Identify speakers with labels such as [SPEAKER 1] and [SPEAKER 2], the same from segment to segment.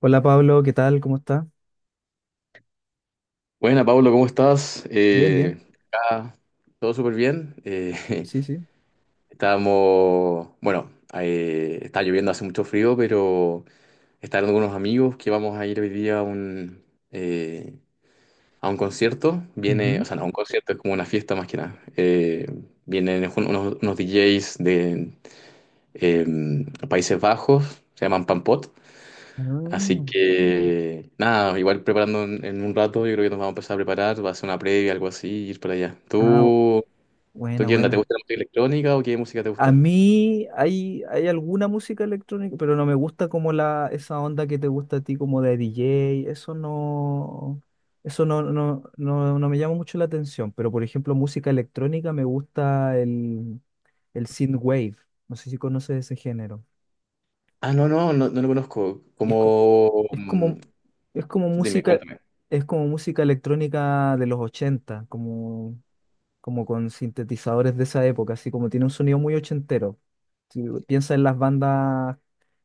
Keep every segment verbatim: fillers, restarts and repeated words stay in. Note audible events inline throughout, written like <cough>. [SPEAKER 1] Hola Pablo, ¿qué tal? ¿Cómo está?
[SPEAKER 2] Buena, Pablo, ¿cómo estás?
[SPEAKER 1] Bien,
[SPEAKER 2] Eh,
[SPEAKER 1] bien.
[SPEAKER 2] acá todo súper bien. Eh,
[SPEAKER 1] Sí, sí.
[SPEAKER 2] <laughs> estábamos, bueno, eh, está lloviendo, hace mucho frío, pero están algunos amigos que vamos a ir hoy día a un, eh, a un concierto. Viene, o
[SPEAKER 1] Ujú.
[SPEAKER 2] sea, no, un concierto es como una fiesta más que nada. Eh, vienen unos, unos D Js de eh, Países Bajos, se llaman Pampot. Así que, nada, igual preparando en, en un rato, yo creo que nos vamos a empezar a preparar, va a ser una previa, algo así, y ir para allá.
[SPEAKER 1] Ah, ah,
[SPEAKER 2] ¿Tú, tú
[SPEAKER 1] buena,
[SPEAKER 2] qué onda? ¿Te
[SPEAKER 1] buena.
[SPEAKER 2] gusta la música electrónica o qué música te
[SPEAKER 1] A
[SPEAKER 2] gusta?
[SPEAKER 1] mí hay, hay alguna música electrónica, pero no me gusta como la, esa onda que te gusta a ti, como de D J. Eso no, eso no, no, no, no me llama mucho la atención. Pero por ejemplo, música electrónica me gusta el, el synthwave. No sé si conoces ese género.
[SPEAKER 2] Ah, no, no, no, no lo conozco.
[SPEAKER 1] Es, co-
[SPEAKER 2] Como,
[SPEAKER 1] es
[SPEAKER 2] mm,
[SPEAKER 1] como, es como
[SPEAKER 2] dime,
[SPEAKER 1] música,
[SPEAKER 2] cuéntame.
[SPEAKER 1] es como música electrónica de los ochenta como, como con sintetizadores de esa época, así como tiene un sonido muy ochentero. Si piensa en las bandas,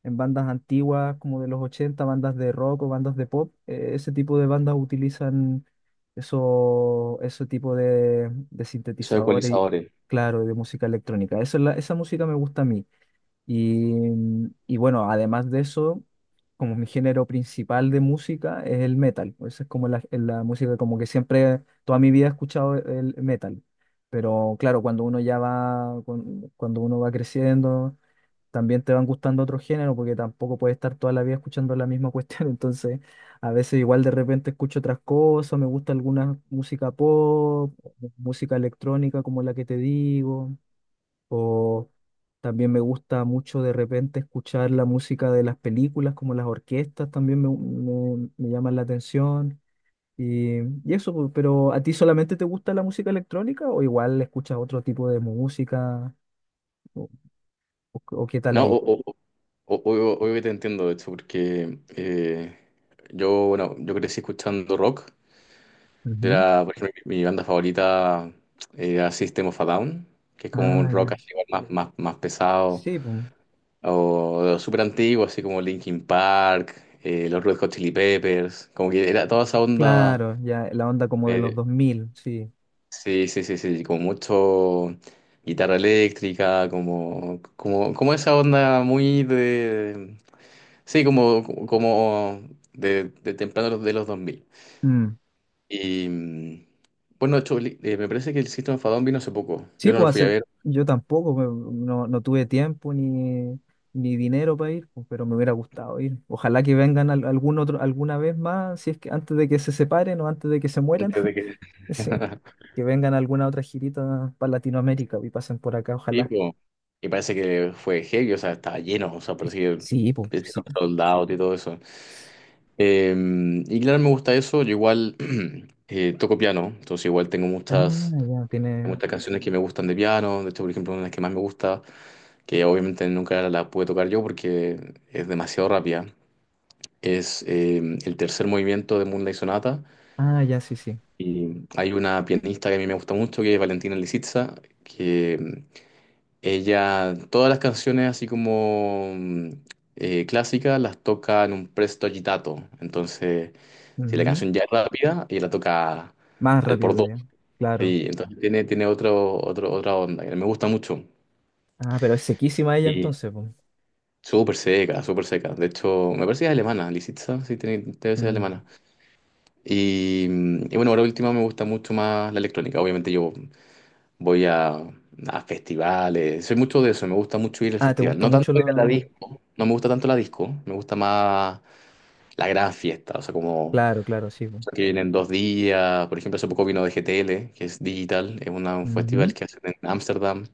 [SPEAKER 1] en bandas antiguas como de los ochenta, bandas de rock o bandas de pop, eh, ese tipo de bandas utilizan eso, ese tipo de, de
[SPEAKER 2] Esos
[SPEAKER 1] sintetizadores y,
[SPEAKER 2] ecualizadores.
[SPEAKER 1] claro, de música electrónica. Eso es la- esa música me gusta a mí. Y, mm, y bueno, además de eso, como mi género principal de música es el metal. Esa es como la, la música, como que siempre, toda mi vida he escuchado el metal. Pero claro, cuando uno ya va, con- cuando uno va creciendo, también te van gustando otros géneros, porque tampoco puedes estar toda la vida escuchando la misma cuestión. <laughs> Entonces, a veces igual de repente escucho otras cosas, me gusta alguna música pop, música electrónica como la que te digo. O también me gusta mucho de repente escuchar la música de las películas, como las orquestas también me, me- me llaman la atención. Y, y eso, pues, pero ¿a ti solamente te gusta la música electrónica o igual escuchas otro tipo de música? ¿O, o- o qué tal
[SPEAKER 2] No, o,
[SPEAKER 1] ahí?
[SPEAKER 2] o, o- o- o- obvio que te entiendo, de hecho, porque eh, yo, bueno, yo crecí escuchando rock.
[SPEAKER 1] Ujú.
[SPEAKER 2] Era, por ejemplo, mi, mi banda favorita eh, era System of a Down, que es como un
[SPEAKER 1] Ah,
[SPEAKER 2] rock
[SPEAKER 1] ya.
[SPEAKER 2] así, igual más, más, más pesado.
[SPEAKER 1] Sí, pues,
[SPEAKER 2] O súper antiguo, así como Linkin Park, eh, los Red Hot Chili Peppers, como que era toda esa onda.
[SPEAKER 1] claro, ya la onda como de los
[SPEAKER 2] eh,
[SPEAKER 1] dos mil sí.
[SPEAKER 2] sí, sí, sí, sí, como mucho guitarra eléctrica, como, como, como esa onda muy de. Sí, como, como de, de temprano de los dos mil.
[SPEAKER 1] Mm.
[SPEAKER 2] Y mm, bueno, de hecho, li- eh, me parece que el System of a Down vino hace poco.
[SPEAKER 1] Sí,
[SPEAKER 2] Yo no lo
[SPEAKER 1] pues
[SPEAKER 2] fui a
[SPEAKER 1] hace-
[SPEAKER 2] ver
[SPEAKER 1] yo tampoco, pues, no, no tuve tiempo ni, ni dinero para ir, pues, pero me hubiera gustado ir. Ojalá que vengan al- algún otro, alguna vez más, si es que antes de que se separen o antes de que se mueran.
[SPEAKER 2] antes de
[SPEAKER 1] <laughs>
[SPEAKER 2] que.
[SPEAKER 1] Sí,
[SPEAKER 2] <laughs>
[SPEAKER 1] que vengan alguna otra girita para Latinoamérica y pasen por acá,
[SPEAKER 2] Sí,
[SPEAKER 1] ojalá.
[SPEAKER 2] po. Y parece que fue heavy, o sea, estaba lleno, o sea, parecía que
[SPEAKER 1] Sí, pues,
[SPEAKER 2] parecía
[SPEAKER 1] sí.
[SPEAKER 2] los soldados y todo eso. Eh, y claro, me gusta eso, yo igual <clears throat> eh, toco piano, entonces igual tengo
[SPEAKER 1] Ah,
[SPEAKER 2] muchas,
[SPEAKER 1] ya, tiene.
[SPEAKER 2] muchas canciones que me gustan de piano, de hecho, por ejemplo, una de las que más me gusta, que obviamente nunca la la pude tocar yo porque es demasiado rápida, es eh, el tercer movimiento de Moonlight Sonata.
[SPEAKER 1] Ah, ya, sí, sí.
[SPEAKER 2] Y hay una pianista que a mí me gusta mucho, que es Valentina Lisitsa, que em, ella, todas las canciones así como mm, eh, clásicas las toca en un presto agitato. Entonces, si la
[SPEAKER 1] Ujú.
[SPEAKER 2] canción ya es rápida, ella la toca
[SPEAKER 1] Más
[SPEAKER 2] al por
[SPEAKER 1] rápido
[SPEAKER 2] dos.
[SPEAKER 1] ya, claro.
[SPEAKER 2] Y entonces tiene, tiene otro, otro, otra onda que me gusta mucho.
[SPEAKER 1] Ah, pero es sequísima ella
[SPEAKER 2] Y
[SPEAKER 1] entonces, pues.
[SPEAKER 2] súper seca, súper seca. De hecho, me parece que es alemana, Lisitsa, sí, tiene, debe ser
[SPEAKER 1] Mm.
[SPEAKER 2] alemana. Y, mm, y bueno, ahora última me gusta mucho más la electrónica. Obviamente yo voy a, a festivales, soy mucho de eso, me gusta mucho ir al
[SPEAKER 1] Ah, ¿te
[SPEAKER 2] festival.
[SPEAKER 1] gusta
[SPEAKER 2] No tanto
[SPEAKER 1] mucho
[SPEAKER 2] ir a la
[SPEAKER 1] lo...?
[SPEAKER 2] disco, no me gusta tanto la disco, me gusta más la gran fiesta, o sea, como
[SPEAKER 1] Claro, claro, sí,
[SPEAKER 2] que vienen dos días, por ejemplo, hace poco vino de G T L, que es digital, es una- un
[SPEAKER 1] pues.
[SPEAKER 2] festival que hacen en Ámsterdam.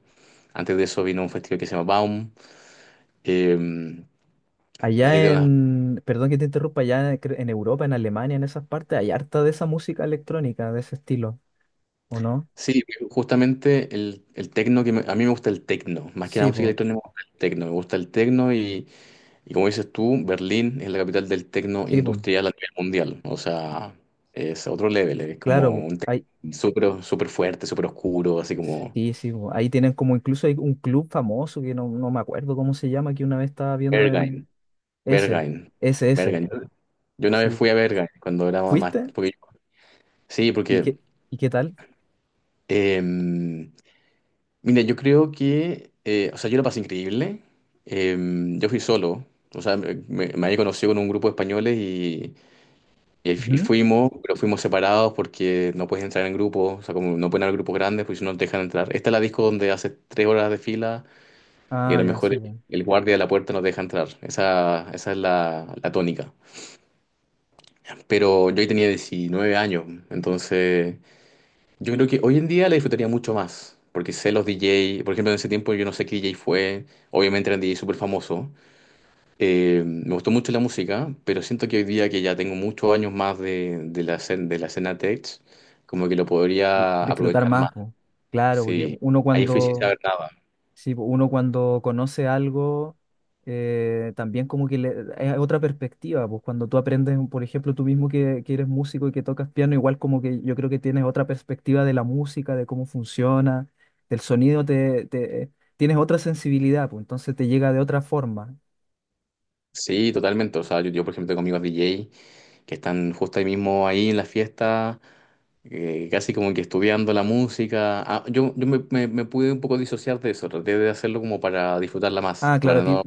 [SPEAKER 2] Antes de eso vino un festival que se llama Baum. eh, hay
[SPEAKER 1] Allá
[SPEAKER 2] de una-
[SPEAKER 1] en, perdón que te interrumpa, allá cre- en Europa, en Alemania, en esas partes, hay harta de esa música electrónica, de ese estilo, ¿o no?
[SPEAKER 2] Sí, justamente el, el tecno que me- a mí me gusta el tecno, más que la
[SPEAKER 1] Sí,
[SPEAKER 2] música
[SPEAKER 1] po,
[SPEAKER 2] electrónica me gusta el tecno, me gusta el tecno y Y como dices tú, Berlín es la capital del tecno
[SPEAKER 1] sí, po,
[SPEAKER 2] industrial a nivel mundial. O sea, es otro level, es
[SPEAKER 1] claro,
[SPEAKER 2] como
[SPEAKER 1] po,
[SPEAKER 2] un techno
[SPEAKER 1] hay,
[SPEAKER 2] súper súper fuerte, súper oscuro, así como
[SPEAKER 1] sí, sí, po, ahí tienen como incluso hay un club famoso que no, no me acuerdo cómo se llama, que una vez estaba viendo
[SPEAKER 2] Berghain,
[SPEAKER 1] en ese,
[SPEAKER 2] Berghain,
[SPEAKER 1] ese, ese,
[SPEAKER 2] Berghain. Yo una vez
[SPEAKER 1] sí.
[SPEAKER 2] fui a Berghain cuando era más.
[SPEAKER 1] ¿Fuiste?
[SPEAKER 2] Porque, sí,
[SPEAKER 1] ¿Y
[SPEAKER 2] porque.
[SPEAKER 1] qué, y qué tal?
[SPEAKER 2] eh, Mira, yo creo que. Eh, o sea, yo la pasé increíble. Eh, yo fui solo. O sea, me, me había conocido con un grupo de españoles. Y... Y, y
[SPEAKER 1] Ujú.
[SPEAKER 2] fuimos, pero fuimos separados porque no puedes entrar en grupo, o sea, como no pueden haber grupos grandes, porque si no nos dejan entrar. Esta es la disco donde hace tres horas de fila y a
[SPEAKER 1] Ah,
[SPEAKER 2] lo
[SPEAKER 1] ya,
[SPEAKER 2] mejor
[SPEAKER 1] sí,
[SPEAKER 2] el,
[SPEAKER 1] po.
[SPEAKER 2] el guardia de la puerta nos deja entrar. Esa, esa es la, la tónica. Pero yo ahí tenía diecinueve años, entonces yo creo que hoy en día la disfrutaría mucho más, porque sé los D J, por ejemplo, en ese tiempo yo no sé qué D J fue, obviamente eran D J súper famosos. Eh, me gustó mucho la música, pero siento que hoy día que ya tengo muchos años más de, de la, escen- de la escena tech, como que lo podría
[SPEAKER 1] Disfrutar
[SPEAKER 2] aprovechar más.
[SPEAKER 1] más, po. Claro, porque
[SPEAKER 2] Sí,
[SPEAKER 1] uno
[SPEAKER 2] ahí fui sin
[SPEAKER 1] cuando...
[SPEAKER 2] saber nada.
[SPEAKER 1] Sí, po, uno cuando conoce algo, eh, también como que le, es otra perspectiva, pues cuando tú aprendes, por ejemplo, tú mismo que, que eres músico y que tocas piano, igual como que yo creo que tienes otra perspectiva de la música, de cómo funciona, del sonido, te, te- tienes otra sensibilidad, pues entonces te llega de otra forma.
[SPEAKER 2] Sí, totalmente. O sea, yo, yo, por ejemplo, tengo amigos D J que están justo ahí mismo ahí en la fiesta, eh, casi como que estudiando la música. Ah, yo yo me, me- me pude un poco disociar de eso, traté de hacerlo como para disfrutarla más,
[SPEAKER 1] Ah, claro, a
[SPEAKER 2] para
[SPEAKER 1] ti
[SPEAKER 2] no.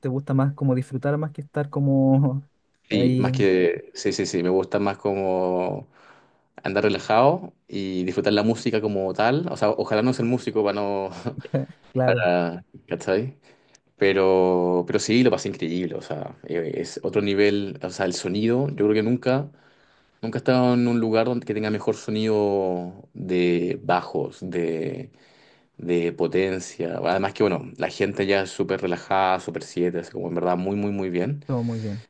[SPEAKER 1] te gusta más como disfrutar más que estar como <laughs>
[SPEAKER 2] Sí, más
[SPEAKER 1] ahí.
[SPEAKER 2] que. Sí, sí, sí, me gusta más como andar relajado y disfrutar la música como tal. O sea, ojalá no ser músico para no, <laughs>
[SPEAKER 1] <laughs> Claro,
[SPEAKER 2] para- ¿cachai? Pero, pero sí, lo pasé increíble. O sea, eh, es otro nivel. O sea, el sonido, yo creo que nunca, nunca he estado en un lugar donde que tenga mejor sonido de bajos, de, de potencia. Además que, bueno, la gente ya es súper relajada, súper siete, así como en verdad muy, muy, muy bien.
[SPEAKER 1] todo muy bien,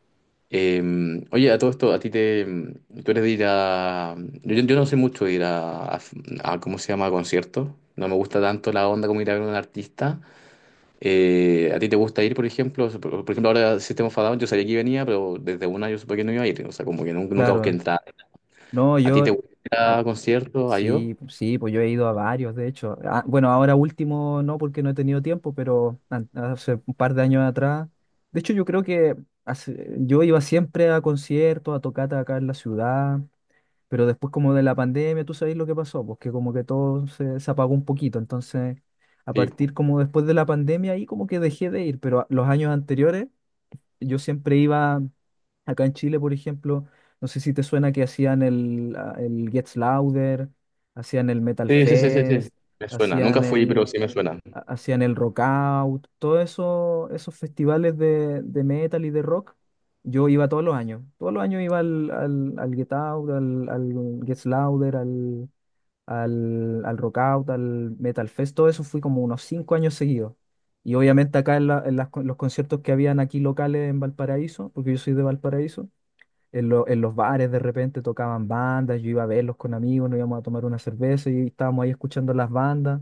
[SPEAKER 2] Eh, Oye, a todo esto, a ti te. Tú eres de ir a. Yo, yo no sé mucho de ir a, a- a- ¿cómo se llama? A conciertos. No me gusta tanto la onda como ir a ver a un artista. Eh, ¿a ti te gusta ir, por ejemplo? Por, por ejemplo, ahora System of a Down, yo sabía que venía, pero desde una yo supe que no iba a ir. O sea, como que nunca, nunca busqué
[SPEAKER 1] claro.
[SPEAKER 2] entrar.
[SPEAKER 1] No,
[SPEAKER 2] ¿A ti
[SPEAKER 1] yo...
[SPEAKER 2] te gusta ir
[SPEAKER 1] a-...
[SPEAKER 2] a conciertos? ¿A yo?
[SPEAKER 1] Sí, pu- sí, pues yo he ido a varios, de hecho. Ah, bueno, ahora último no, porque no he tenido tiempo, pero an- hace un par de años atrás. De hecho, yo creo que hace- yo iba siempre a conciertos, a tocatas acá en la ciudad, pero después como de la pandemia, tú sabes lo que pasó, porque como que todo se, se apagó un poquito. Entonces, a
[SPEAKER 2] Sí,
[SPEAKER 1] partir
[SPEAKER 2] po.
[SPEAKER 1] como después de la pandemia, ahí como que dejé de ir, pero a- los años anteriores yo siempre iba acá en Chile, por ejemplo, no sé si te suena que hacían el, ah, el Gets Louder, hacían el Metal
[SPEAKER 2] Sí, sí, sí, sí. Sí.
[SPEAKER 1] Fest,
[SPEAKER 2] Me suena.
[SPEAKER 1] hacían
[SPEAKER 2] Nunca fui, pero
[SPEAKER 1] el,
[SPEAKER 2] sí me suena.
[SPEAKER 1] ha- hacían el Rock Out, todos eso, esos festivales de, de metal y de rock. Yo iba todos los años, todos los años iba al, al, al Get Out, al, al Gets Louder, al, al Rockout, al Metal Fest, todo eso fui como unos cinco años seguidos. Y obviamente acá en, la- en las con- los conciertos que habían aquí locales en Valparaíso, porque yo soy de Valparaíso, en, lo- en los bares de repente tocaban bandas, yo iba a verlos con amigos, nos íbamos a tomar una cerveza y estábamos ahí escuchando las bandas.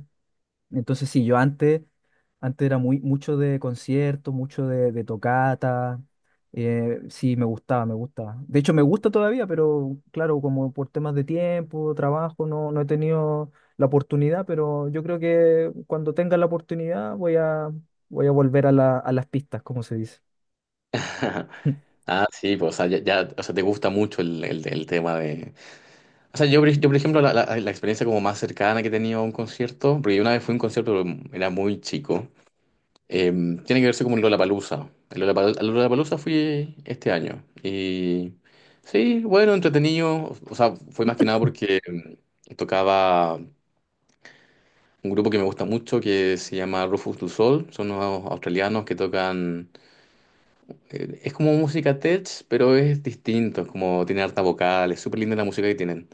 [SPEAKER 1] Entonces sí, yo antes antes era muy, mucho de concierto, mucho de, de tocata. Eh, sí, me gustaba, me gustaba. De hecho, me gusta todavía, pero claro, como por temas de tiempo, trabajo, no, no he tenido la oportunidad, pero yo creo que cuando tenga la oportunidad voy a, voy a volver a la- a las pistas, como se dice.
[SPEAKER 2] <laughs>
[SPEAKER 1] <laughs>
[SPEAKER 2] Ah, sí, pues, o sea, ya, ya- o sea, te gusta mucho el, el- el tema de. O sea, yo, por ej- yo, por ejemplo, la, la- la experiencia como más cercana que he tenido a un concierto, porque una vez fui a un concierto, pero era muy chico, eh, tiene que verse como el Lollapalooza. El Lollapalooza, al Lollapalooza fui este año y sí, bueno, entretenido. O sea, fue más que nada porque mm, tocaba un grupo que me gusta mucho que se llama Rufus Du Sol. Son unos australianos que tocan, eh, es como música tech, pero es distinto, es como tiene harta vocal, es súper linda la música que tienen.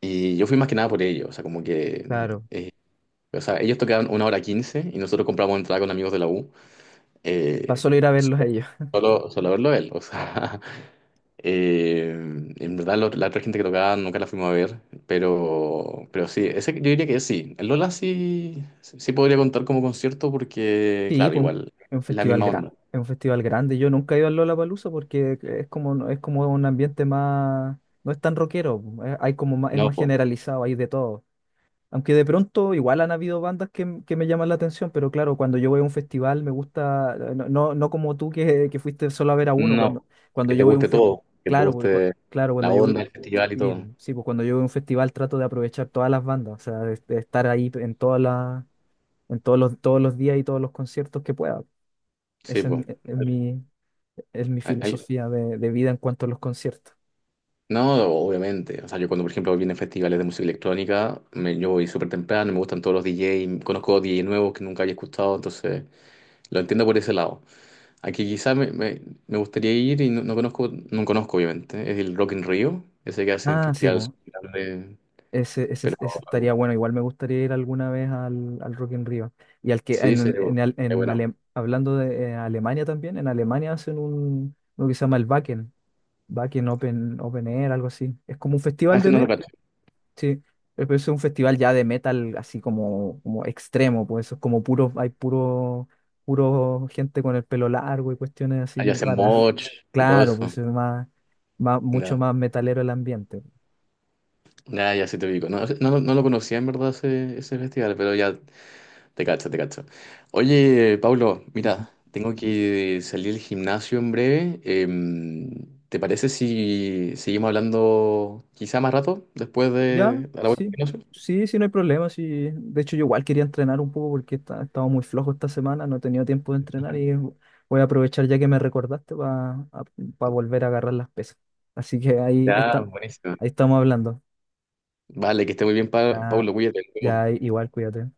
[SPEAKER 2] Y yo fui más que nada por ello, o sea, como que
[SPEAKER 1] Claro.
[SPEAKER 2] O sea, ellos tocaban una hora quince y nosotros compramos entrada con amigos de la U.
[SPEAKER 1] Para
[SPEAKER 2] eh,
[SPEAKER 1] solo ir a verlos a ellos.
[SPEAKER 2] solo, solo verlo a él. O sea, <laughs> eh, en verdad lo- la otra gente que tocaba nunca la fuimos a ver. Pero, pero sí, ese, yo diría que sí. El Lola sí, sí podría contar como concierto porque,
[SPEAKER 1] Sí,
[SPEAKER 2] claro,
[SPEAKER 1] pues un-
[SPEAKER 2] igual,
[SPEAKER 1] es un
[SPEAKER 2] es la
[SPEAKER 1] festival
[SPEAKER 2] misma
[SPEAKER 1] grande,
[SPEAKER 2] onda.
[SPEAKER 1] es un festival grande. Yo nunca he ido al Lollapalooza porque es como, no, es como un ambiente más, no es tan rockero, pues, eh, hay como más- es
[SPEAKER 2] No,
[SPEAKER 1] más
[SPEAKER 2] po,
[SPEAKER 1] generalizado, hay de todo. Aunque de pronto igual han habido bandas que, m- que me llaman la atención, pero claro, cuando yo voy a un festival me gusta, eh, no, no, no como tú que, que fuiste solo a ver a uno, cuando,
[SPEAKER 2] no.
[SPEAKER 1] cuando
[SPEAKER 2] Que te
[SPEAKER 1] yo voy a un
[SPEAKER 2] guste
[SPEAKER 1] festival,
[SPEAKER 2] todo, que te
[SPEAKER 1] claro, porque cua-
[SPEAKER 2] guste
[SPEAKER 1] claro, cuando
[SPEAKER 2] la
[SPEAKER 1] yo voy...
[SPEAKER 2] onda, el festival y
[SPEAKER 1] sí, pues,
[SPEAKER 2] todo.
[SPEAKER 1] sí, pues cuando yo voy a un festival trato de aprovechar todas las bandas, o sea, de, de estar ahí en todas las, en todos los, todos los días y todos los conciertos que pueda.
[SPEAKER 2] Sí,
[SPEAKER 1] Esa es, mi,
[SPEAKER 2] pues.
[SPEAKER 1] e, es mi es mi filosofía de, de vida en cuanto a los conciertos.
[SPEAKER 2] No, obviamente. O sea, yo cuando, por ejemplo, vienen festivales de música electrónica, me- yo voy súper temprano, me gustan todos los D Js, conozco D Js nuevos que nunca había escuchado, entonces lo entiendo por ese lado. Aquí quizás me, me- me gustaría ir y no, no conozco, no conozco obviamente, es el Rock in Rio, ese que hacen
[SPEAKER 1] Ah, sí, pues.
[SPEAKER 2] festivales grandes,
[SPEAKER 1] Ese, ese,
[SPEAKER 2] pero
[SPEAKER 1] ese estaría bueno. Igual me gustaría ir alguna vez al, al Rock in Rio. Y al que,
[SPEAKER 2] sí,
[SPEAKER 1] en,
[SPEAKER 2] sería
[SPEAKER 1] en,
[SPEAKER 2] bueno.
[SPEAKER 1] al-
[SPEAKER 2] Eh,
[SPEAKER 1] en
[SPEAKER 2] bueno.
[SPEAKER 1] Ale- hablando de eh, Alemania también, en Alemania hacen un, lo que se llama el Wacken, Wacken Open, Open Air, algo así. Es como un
[SPEAKER 2] Ah,
[SPEAKER 1] festival
[SPEAKER 2] ese
[SPEAKER 1] de,
[SPEAKER 2] no lo
[SPEAKER 1] me-...
[SPEAKER 2] cacho.
[SPEAKER 1] Sí, pero pero eso es un festival ya de metal así como, como extremo, pues eso es como puro, hay puro, puro gente con el pelo largo y cuestiones así
[SPEAKER 2] Ahí
[SPEAKER 1] muy
[SPEAKER 2] hacen
[SPEAKER 1] raras. <laughs>
[SPEAKER 2] moch y todo
[SPEAKER 1] Claro,
[SPEAKER 2] eso.
[SPEAKER 1] pues es más, más, mucho
[SPEAKER 2] Ya,
[SPEAKER 1] más metalero el ambiente.
[SPEAKER 2] ya, ya sí te ubico. No, no, no lo conocía en verdad ese, ese festival, pero ya te cacho, te cacho. Oye, Pablo,
[SPEAKER 1] Ujú.
[SPEAKER 2] mira, tengo que salir al gimnasio en breve. Em, ¿te parece si seguimos hablando quizá más rato después
[SPEAKER 1] Ya,
[SPEAKER 2] de a la vuelta al
[SPEAKER 1] sí,
[SPEAKER 2] gimnasio?
[SPEAKER 1] sí, sí, no hay problema, sí. De hecho, yo igual quería entrenar un poco porque esta- he estado muy flojo esta semana, no he tenido tiempo de entrenar y voy a aprovechar ya que me recordaste para volver a agarrar las pesas. Así que ahí, ahí
[SPEAKER 2] Ya,
[SPEAKER 1] está,
[SPEAKER 2] buenísimo.
[SPEAKER 1] ahí estamos hablando.
[SPEAKER 2] Vale, que esté muy bien, Pa-
[SPEAKER 1] Ya.
[SPEAKER 2] Pablo, cuídate. Nos
[SPEAKER 1] Ya,
[SPEAKER 2] vemos.
[SPEAKER 1] igual, cuídate.